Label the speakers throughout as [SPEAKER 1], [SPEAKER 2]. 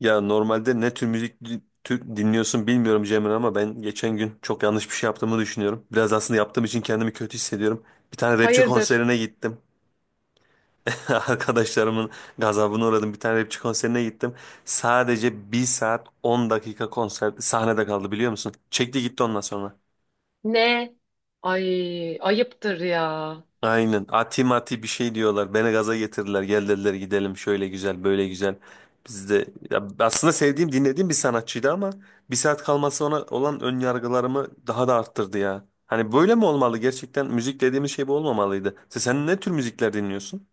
[SPEAKER 1] Ya normalde ne tür müzik di- tür dinliyorsun bilmiyorum Cemre, ama ben geçen gün çok yanlış bir şey yaptığımı düşünüyorum. Biraz aslında yaptığım için kendimi kötü hissediyorum. Bir tane rapçi
[SPEAKER 2] Hayırdır?
[SPEAKER 1] konserine gittim. Arkadaşlarımın gazabına uğradım. Bir tane rapçi konserine gittim. Sadece bir saat 10 dakika konser sahnede kaldı, biliyor musun? Çekti gitti ondan sonra.
[SPEAKER 2] Ne? Ay ayıptır ya.
[SPEAKER 1] Aynen. Ati mati bir şey diyorlar. Beni gaza getirdiler. Gel dediler, gidelim, şöyle güzel, böyle güzel. Biz de ya, aslında sevdiğim, dinlediğim bir sanatçıydı ama bir saat kalması ona olan ön yargılarımı daha da arttırdı ya. Hani böyle mi olmalı? Gerçekten müzik dediğimiz şey bu olmamalıydı. Sen ne tür müzikler dinliyorsun?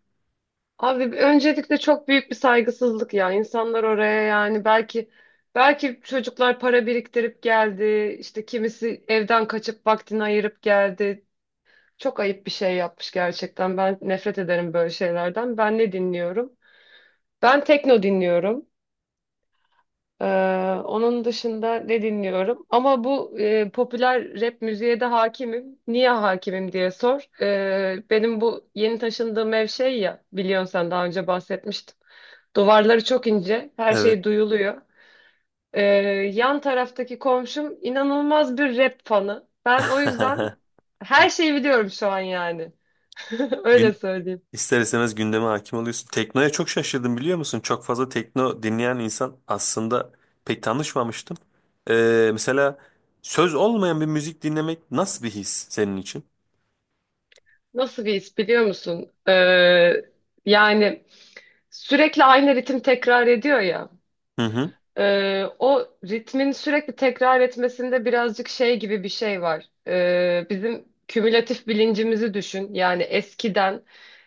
[SPEAKER 2] Abi öncelikle çok büyük bir saygısızlık ya. İnsanlar oraya yani belki çocuklar para biriktirip geldi. İşte kimisi evden kaçıp vaktini ayırıp geldi. Çok ayıp bir şey yapmış gerçekten. Ben nefret ederim böyle şeylerden. Ben ne dinliyorum? Ben tekno dinliyorum. Ee, Onun dışında ne dinliyorum? Ama bu popüler rap müziğe de hakimim. Niye hakimim diye sor. Benim bu yeni taşındığım ev şey ya, biliyorsun sen daha önce bahsetmiştim. Duvarları çok ince, her
[SPEAKER 1] Evet.
[SPEAKER 2] şey duyuluyor. Ee, Yan taraftaki komşum inanılmaz bir rap fanı. Ben o yüzden her şeyi biliyorum şu an yani. Öyle
[SPEAKER 1] gün
[SPEAKER 2] söyleyeyim.
[SPEAKER 1] İster istemez gündeme hakim oluyorsun. Teknoya çok şaşırdım, biliyor musun? Çok fazla tekno dinleyen insan aslında pek tanışmamıştım. Mesela söz olmayan bir müzik dinlemek nasıl bir his senin için?
[SPEAKER 2] Nasıl bir his biliyor musun? Yani sürekli aynı ritim tekrar ediyor ya.
[SPEAKER 1] Hı hı.
[SPEAKER 2] O ritmin sürekli tekrar etmesinde birazcık şey gibi bir şey var. Bizim kümülatif bilincimizi düşün. Yani eskiden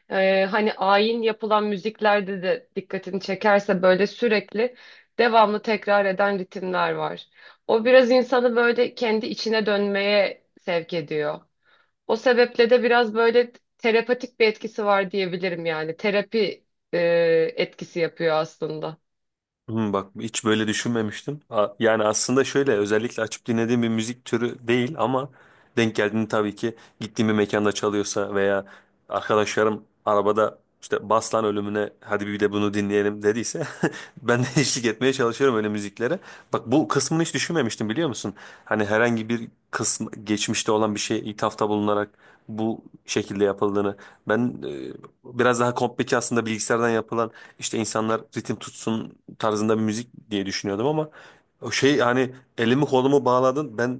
[SPEAKER 2] hani ayin yapılan müziklerde de dikkatini çekerse böyle sürekli devamlı tekrar eden ritimler var. O biraz insanı böyle kendi içine dönmeye sevk ediyor. O sebeple de biraz böyle terapatik bir etkisi var diyebilirim yani. Terapi e, etkisi yapıyor aslında.
[SPEAKER 1] Hmm, bak hiç böyle düşünmemiştim. Yani aslında şöyle, özellikle açıp dinlediğim bir müzik türü değil ama denk geldiğini, tabii ki gittiğim bir mekanda çalıyorsa veya arkadaşlarım arabada işte Baslan ölümüne hadi bir de bunu dinleyelim dediyse ben de eşlik etmeye çalışıyorum öyle müziklere. Bak, bu kısmını hiç düşünmemiştim, biliyor musun? Hani herhangi bir kısım geçmişte olan bir şeye ithafta bulunarak bu şekilde yapıldığını. Ben biraz daha komplike aslında, bilgisayardan yapılan işte insanlar ritim tutsun tarzında bir müzik diye düşünüyordum ama o şey, hani elimi kolumu bağladın, ben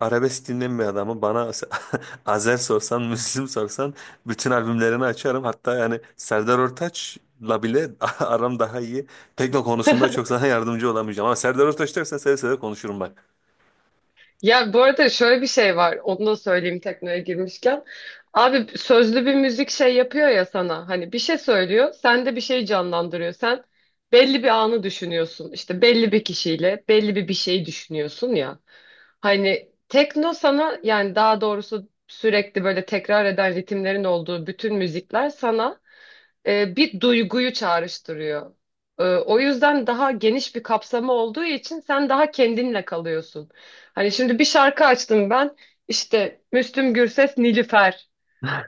[SPEAKER 1] arabesk dinleyen bir adamım. Bana Azer sorsan, Müslüm sorsan bütün albümlerini açarım, hatta yani Serdar Ortaç'la bile aram daha iyi. Tekno konusunda çok sana yardımcı olamayacağım ama Serdar Ortaç dersen seve seve konuşurum bak.
[SPEAKER 2] Ya bu arada şöyle bir şey var. Onu da söyleyeyim teknoya girmişken. Abi sözlü bir müzik şey yapıyor ya sana. Hani bir şey söylüyor. Sen de bir şey canlandırıyor. Sen belli bir anı düşünüyorsun. İşte belli bir kişiyle belli bir şeyi düşünüyorsun ya. Hani tekno sana yani daha doğrusu sürekli böyle tekrar eden ritimlerin olduğu bütün müzikler sana bir duyguyu çağrıştırıyor. E, o yüzden daha geniş bir kapsamı olduğu için sen daha kendinle kalıyorsun. Hani şimdi bir şarkı açtım ben. İşte Müslüm Gürses, Nilüfer.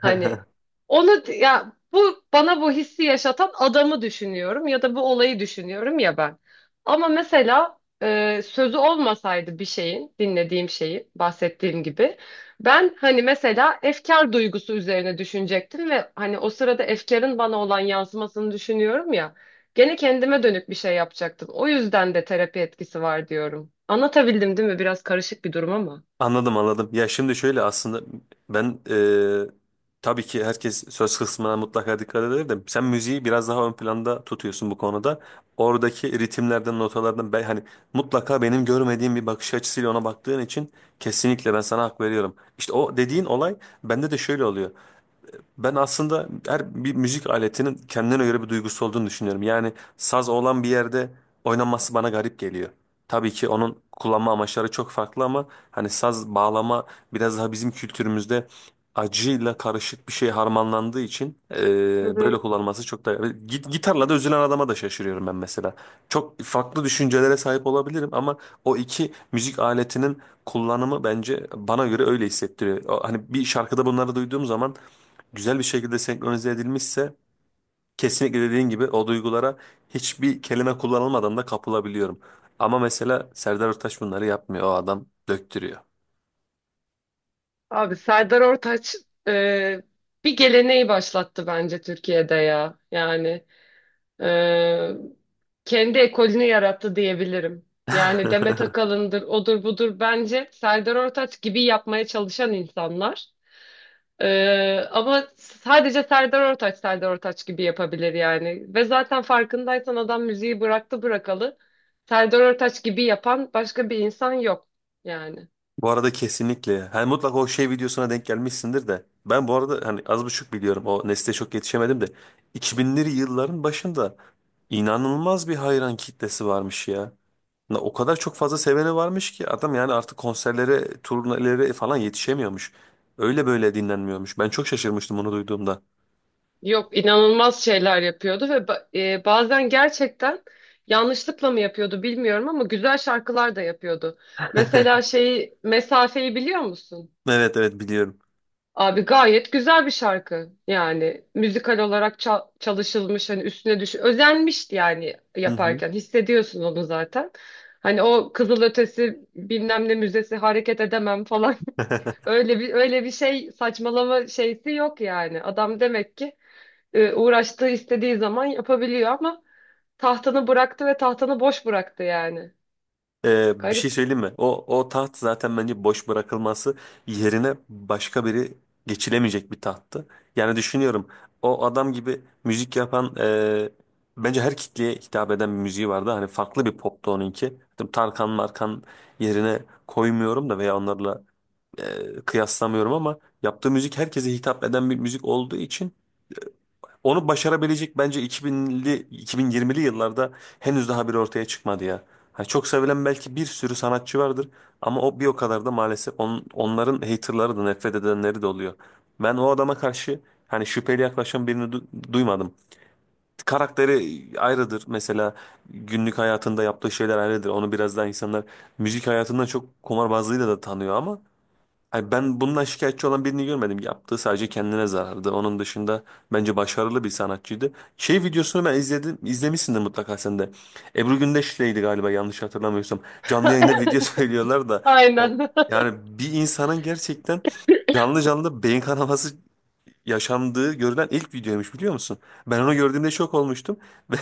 [SPEAKER 2] Hani onu ya bu bana bu hissi yaşatan adamı düşünüyorum ya da bu olayı düşünüyorum ya ben. Ama mesela sözü olmasaydı bir şeyin, dinlediğim şeyin, bahsettiğim gibi ben hani mesela efkar duygusu üzerine düşünecektim ve hani o sırada efkarın bana olan yansımasını düşünüyorum ya. Gene kendime dönük bir şey yapacaktım. O yüzden de terapi etkisi var diyorum. Anlatabildim değil mi? Biraz karışık bir durum ama.
[SPEAKER 1] Anladım, anladım. Ya şimdi şöyle, aslında ben tabii ki herkes söz kısmına mutlaka dikkat eder de sen müziği biraz daha ön planda tutuyorsun bu konuda. Oradaki ritimlerden, notalardan, ben hani mutlaka benim görmediğim bir bakış açısıyla ona baktığın için kesinlikle ben sana hak veriyorum. İşte o dediğin olay bende de şöyle oluyor. Ben aslında her bir müzik aletinin kendine göre bir duygusu olduğunu düşünüyorum. Yani saz olan bir yerde oynanması bana garip geliyor. Tabii ki onun kullanma amaçları çok farklı ama hani saz, bağlama biraz daha bizim kültürümüzde acıyla karışık bir şey harmanlandığı için
[SPEAKER 2] Hı
[SPEAKER 1] böyle
[SPEAKER 2] hı.
[SPEAKER 1] kullanılması çok da... Gitarla da üzülen adama da şaşırıyorum ben mesela. Çok farklı düşüncelere sahip olabilirim ama o iki müzik aletinin kullanımı bence, bana göre öyle hissettiriyor. Hani bir şarkıda bunları duyduğum zaman güzel bir şekilde senkronize edilmişse kesinlikle dediğin gibi o duygulara hiçbir kelime kullanılmadan da kapılabiliyorum. Ama mesela Serdar Ortaç bunları yapmıyor. O adam döktürüyor.
[SPEAKER 2] Abi Serdar Ortaç e, bir geleneği başlattı bence Türkiye'de ya. Yani e, kendi ekolünü yarattı diyebilirim. Yani Demet Akalın'dır, odur budur. Bence Serdar Ortaç gibi yapmaya çalışan insanlar. E, Ama sadece Serdar Ortaç Serdar Ortaç gibi yapabilir yani. Ve zaten farkındaysan adam müziği bıraktı bırakalı. Serdar Ortaç gibi yapan başka bir insan yok yani.
[SPEAKER 1] Bu arada kesinlikle. Hani mutlaka o şey videosuna denk gelmişsindir de. Ben bu arada hani az buçuk biliyorum. O nesle çok yetişemedim de. 2000'li yılların başında inanılmaz bir hayran kitlesi varmış ya. O kadar çok fazla seveni varmış ki adam, yani artık konserlere, turnelere falan yetişemiyormuş. Öyle böyle dinlenmiyormuş. Ben çok şaşırmıştım onu duyduğumda.
[SPEAKER 2] Yok, inanılmaz şeyler yapıyordu ve bazen gerçekten yanlışlıkla mı yapıyordu bilmiyorum ama güzel şarkılar da yapıyordu. Mesela şeyi, Mesafe'yi biliyor musun?
[SPEAKER 1] Evet, evet biliyorum.
[SPEAKER 2] Abi gayet güzel bir şarkı, yani müzikal olarak çalışılmış, hani üstüne düş özenmişti yani,
[SPEAKER 1] Hı hı.
[SPEAKER 2] yaparken hissediyorsun onu zaten. Hani o Kızılötesi bilmem ne müzesi hareket edemem falan öyle bir şey, saçmalama şeysi yok yani. Adam demek ki uğraştığı istediği zaman yapabiliyor ama tahtanı bıraktı ve tahtanı boş bıraktı yani.
[SPEAKER 1] Bir şey
[SPEAKER 2] Garip.
[SPEAKER 1] söyleyeyim mi? O taht zaten bence boş bırakılması yerine başka biri geçilemeyecek bir tahttı. Yani düşünüyorum, o adam gibi müzik yapan, bence her kitleye hitap eden bir müziği vardı. Hani farklı bir poptu onunki. Tabii Tarkan Markan yerine koymuyorum da veya onlarla kıyaslamıyorum, ama yaptığı müzik herkese hitap eden bir müzik olduğu için onu başarabilecek, bence 2000'li 2020'li yıllarda henüz daha biri ortaya çıkmadı ya. Ha, çok sevilen belki bir sürü sanatçı vardır ama o bir o kadar da maalesef onların haterları da, nefret edenleri de oluyor. Ben o adama karşı hani şüpheli yaklaşan birini duymadım. Karakteri ayrıdır mesela, günlük hayatında yaptığı şeyler ayrıdır. Onu biraz daha insanlar müzik hayatından çok kumarbazlığıyla da tanıyor. Ay, ben bundan şikayetçi olan birini görmedim. Yaptığı sadece kendine zarardı. Onun dışında bence başarılı bir sanatçıydı. Şey videosunu ben izledim. İzlemişsindir mutlaka sen de. Ebru Gündeş'leydi galiba, yanlış hatırlamıyorsam. Canlı yayında video söylüyorlar da.
[SPEAKER 2] Aynen.
[SPEAKER 1] Yani bir insanın gerçekten canlı canlı beyin kanaması yaşandığı görülen ilk videoymuş, biliyor musun? Ben onu gördüğümde şok olmuştum. Ve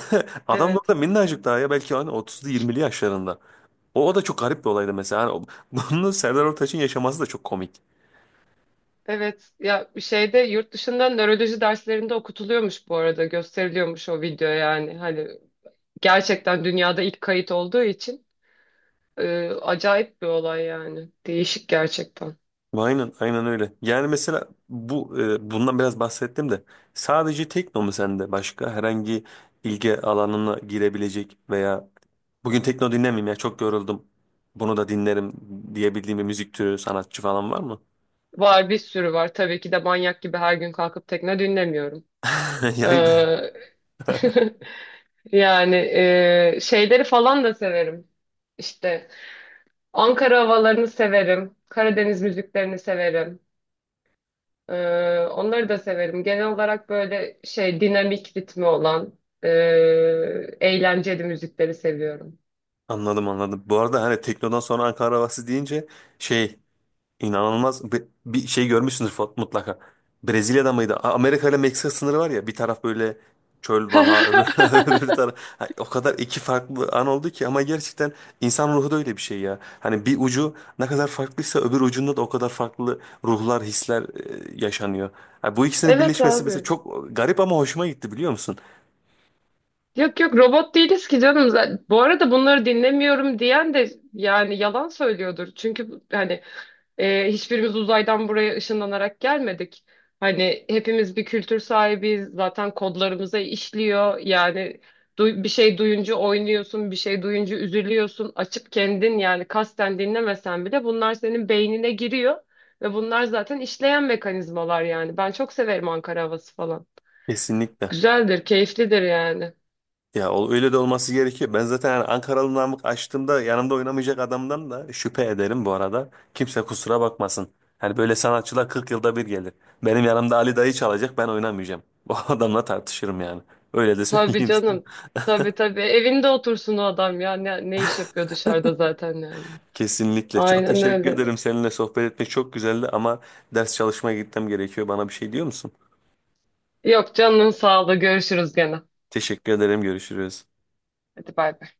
[SPEAKER 1] adam da orada
[SPEAKER 2] Evet.
[SPEAKER 1] minnacık daha, ya belki hani 30'lu 20'li yaşlarında. O da çok garip bir olaydı mesela. Bunu Serdar Ortaç'ın yaşaması da çok komik.
[SPEAKER 2] Evet. Ya bir şeyde yurt dışında nöroloji derslerinde okutuluyormuş bu arada. Gösteriliyormuş o video yani. Hani gerçekten dünyada ilk kayıt olduğu için acayip bir olay yani. Değişik gerçekten.
[SPEAKER 1] Aynen, aynen öyle. Yani mesela bu, bundan biraz bahsettim de sadece tekno mu sende? Başka herhangi ilgi alanına girebilecek veya bugün tekno dinlemeyeyim ya, çok yoruldum, bunu da dinlerim diyebildiğim bir müzik türü, sanatçı falan var mı?
[SPEAKER 2] Var, bir sürü var. Tabii ki de manyak gibi her gün kalkıp tekne dinlemiyorum.
[SPEAKER 1] Yani ben-
[SPEAKER 2] Ee, Yani şeyleri falan da severim. İşte Ankara havalarını severim. Karadeniz müziklerini severim. E, Onları da severim. Genel olarak böyle şey dinamik ritmi olan e, eğlenceli müzikleri seviyorum.
[SPEAKER 1] anladım, anladım. Bu arada hani teknodan sonra Ankara havası deyince şey, İnanılmaz bir, şey görmüşsünüz mutlaka. Brezilya'da mıydı? Amerika ile Meksika sınırı var ya, bir taraf böyle çöl, vaha öbür, öbür taraf. Ha, o kadar iki farklı an oldu ki ama gerçekten insan ruhu da öyle bir şey ya. Hani bir ucu ne kadar farklıysa öbür ucunda da o kadar farklı ruhlar, hisler yaşanıyor. Ha, bu ikisinin
[SPEAKER 2] Evet
[SPEAKER 1] birleşmesi mesela
[SPEAKER 2] abi.
[SPEAKER 1] çok garip ama hoşuma gitti, biliyor musun?
[SPEAKER 2] Yok yok, robot değiliz ki canım. Bu arada bunları dinlemiyorum diyen de yani yalan söylüyordur. Çünkü hani hiçbirimiz uzaydan buraya ışınlanarak gelmedik. Hani hepimiz bir kültür sahibiyiz. Zaten kodlarımıza işliyor. Yani bir şey duyunca oynuyorsun, bir şey duyunca üzülüyorsun. Açıp kendin yani kasten dinlemesen bile bunlar senin beynine giriyor. Ve bunlar zaten işleyen mekanizmalar yani. Ben çok severim Ankara havası falan.
[SPEAKER 1] Kesinlikle.
[SPEAKER 2] Güzeldir, keyiflidir yani.
[SPEAKER 1] Ya öyle de olması gerekiyor. Ben zaten yani Ankaralı Namık açtığımda yanımda oynamayacak adamdan da şüphe ederim bu arada. Kimse kusura bakmasın. Hani böyle sanatçılar 40 yılda bir gelir. Benim yanımda Ali Dayı çalacak, ben oynamayacağım. O adamla tartışırım yani. Öyle de
[SPEAKER 2] Tabii
[SPEAKER 1] söyleyeyim sana.
[SPEAKER 2] canım. Tabii tabii. Evinde otursun o adam ya. Ne, ne iş yapıyor dışarıda zaten yani.
[SPEAKER 1] Kesinlikle. Çok
[SPEAKER 2] Aynen
[SPEAKER 1] teşekkür
[SPEAKER 2] öyle.
[SPEAKER 1] ederim. Seninle sohbet etmek çok güzeldi ama ders çalışmaya gitmem gerekiyor. Bana bir şey diyor musun?
[SPEAKER 2] Yok, canının sağlığı. Görüşürüz gene.
[SPEAKER 1] Teşekkür ederim. Görüşürüz.
[SPEAKER 2] Hadi bay bay.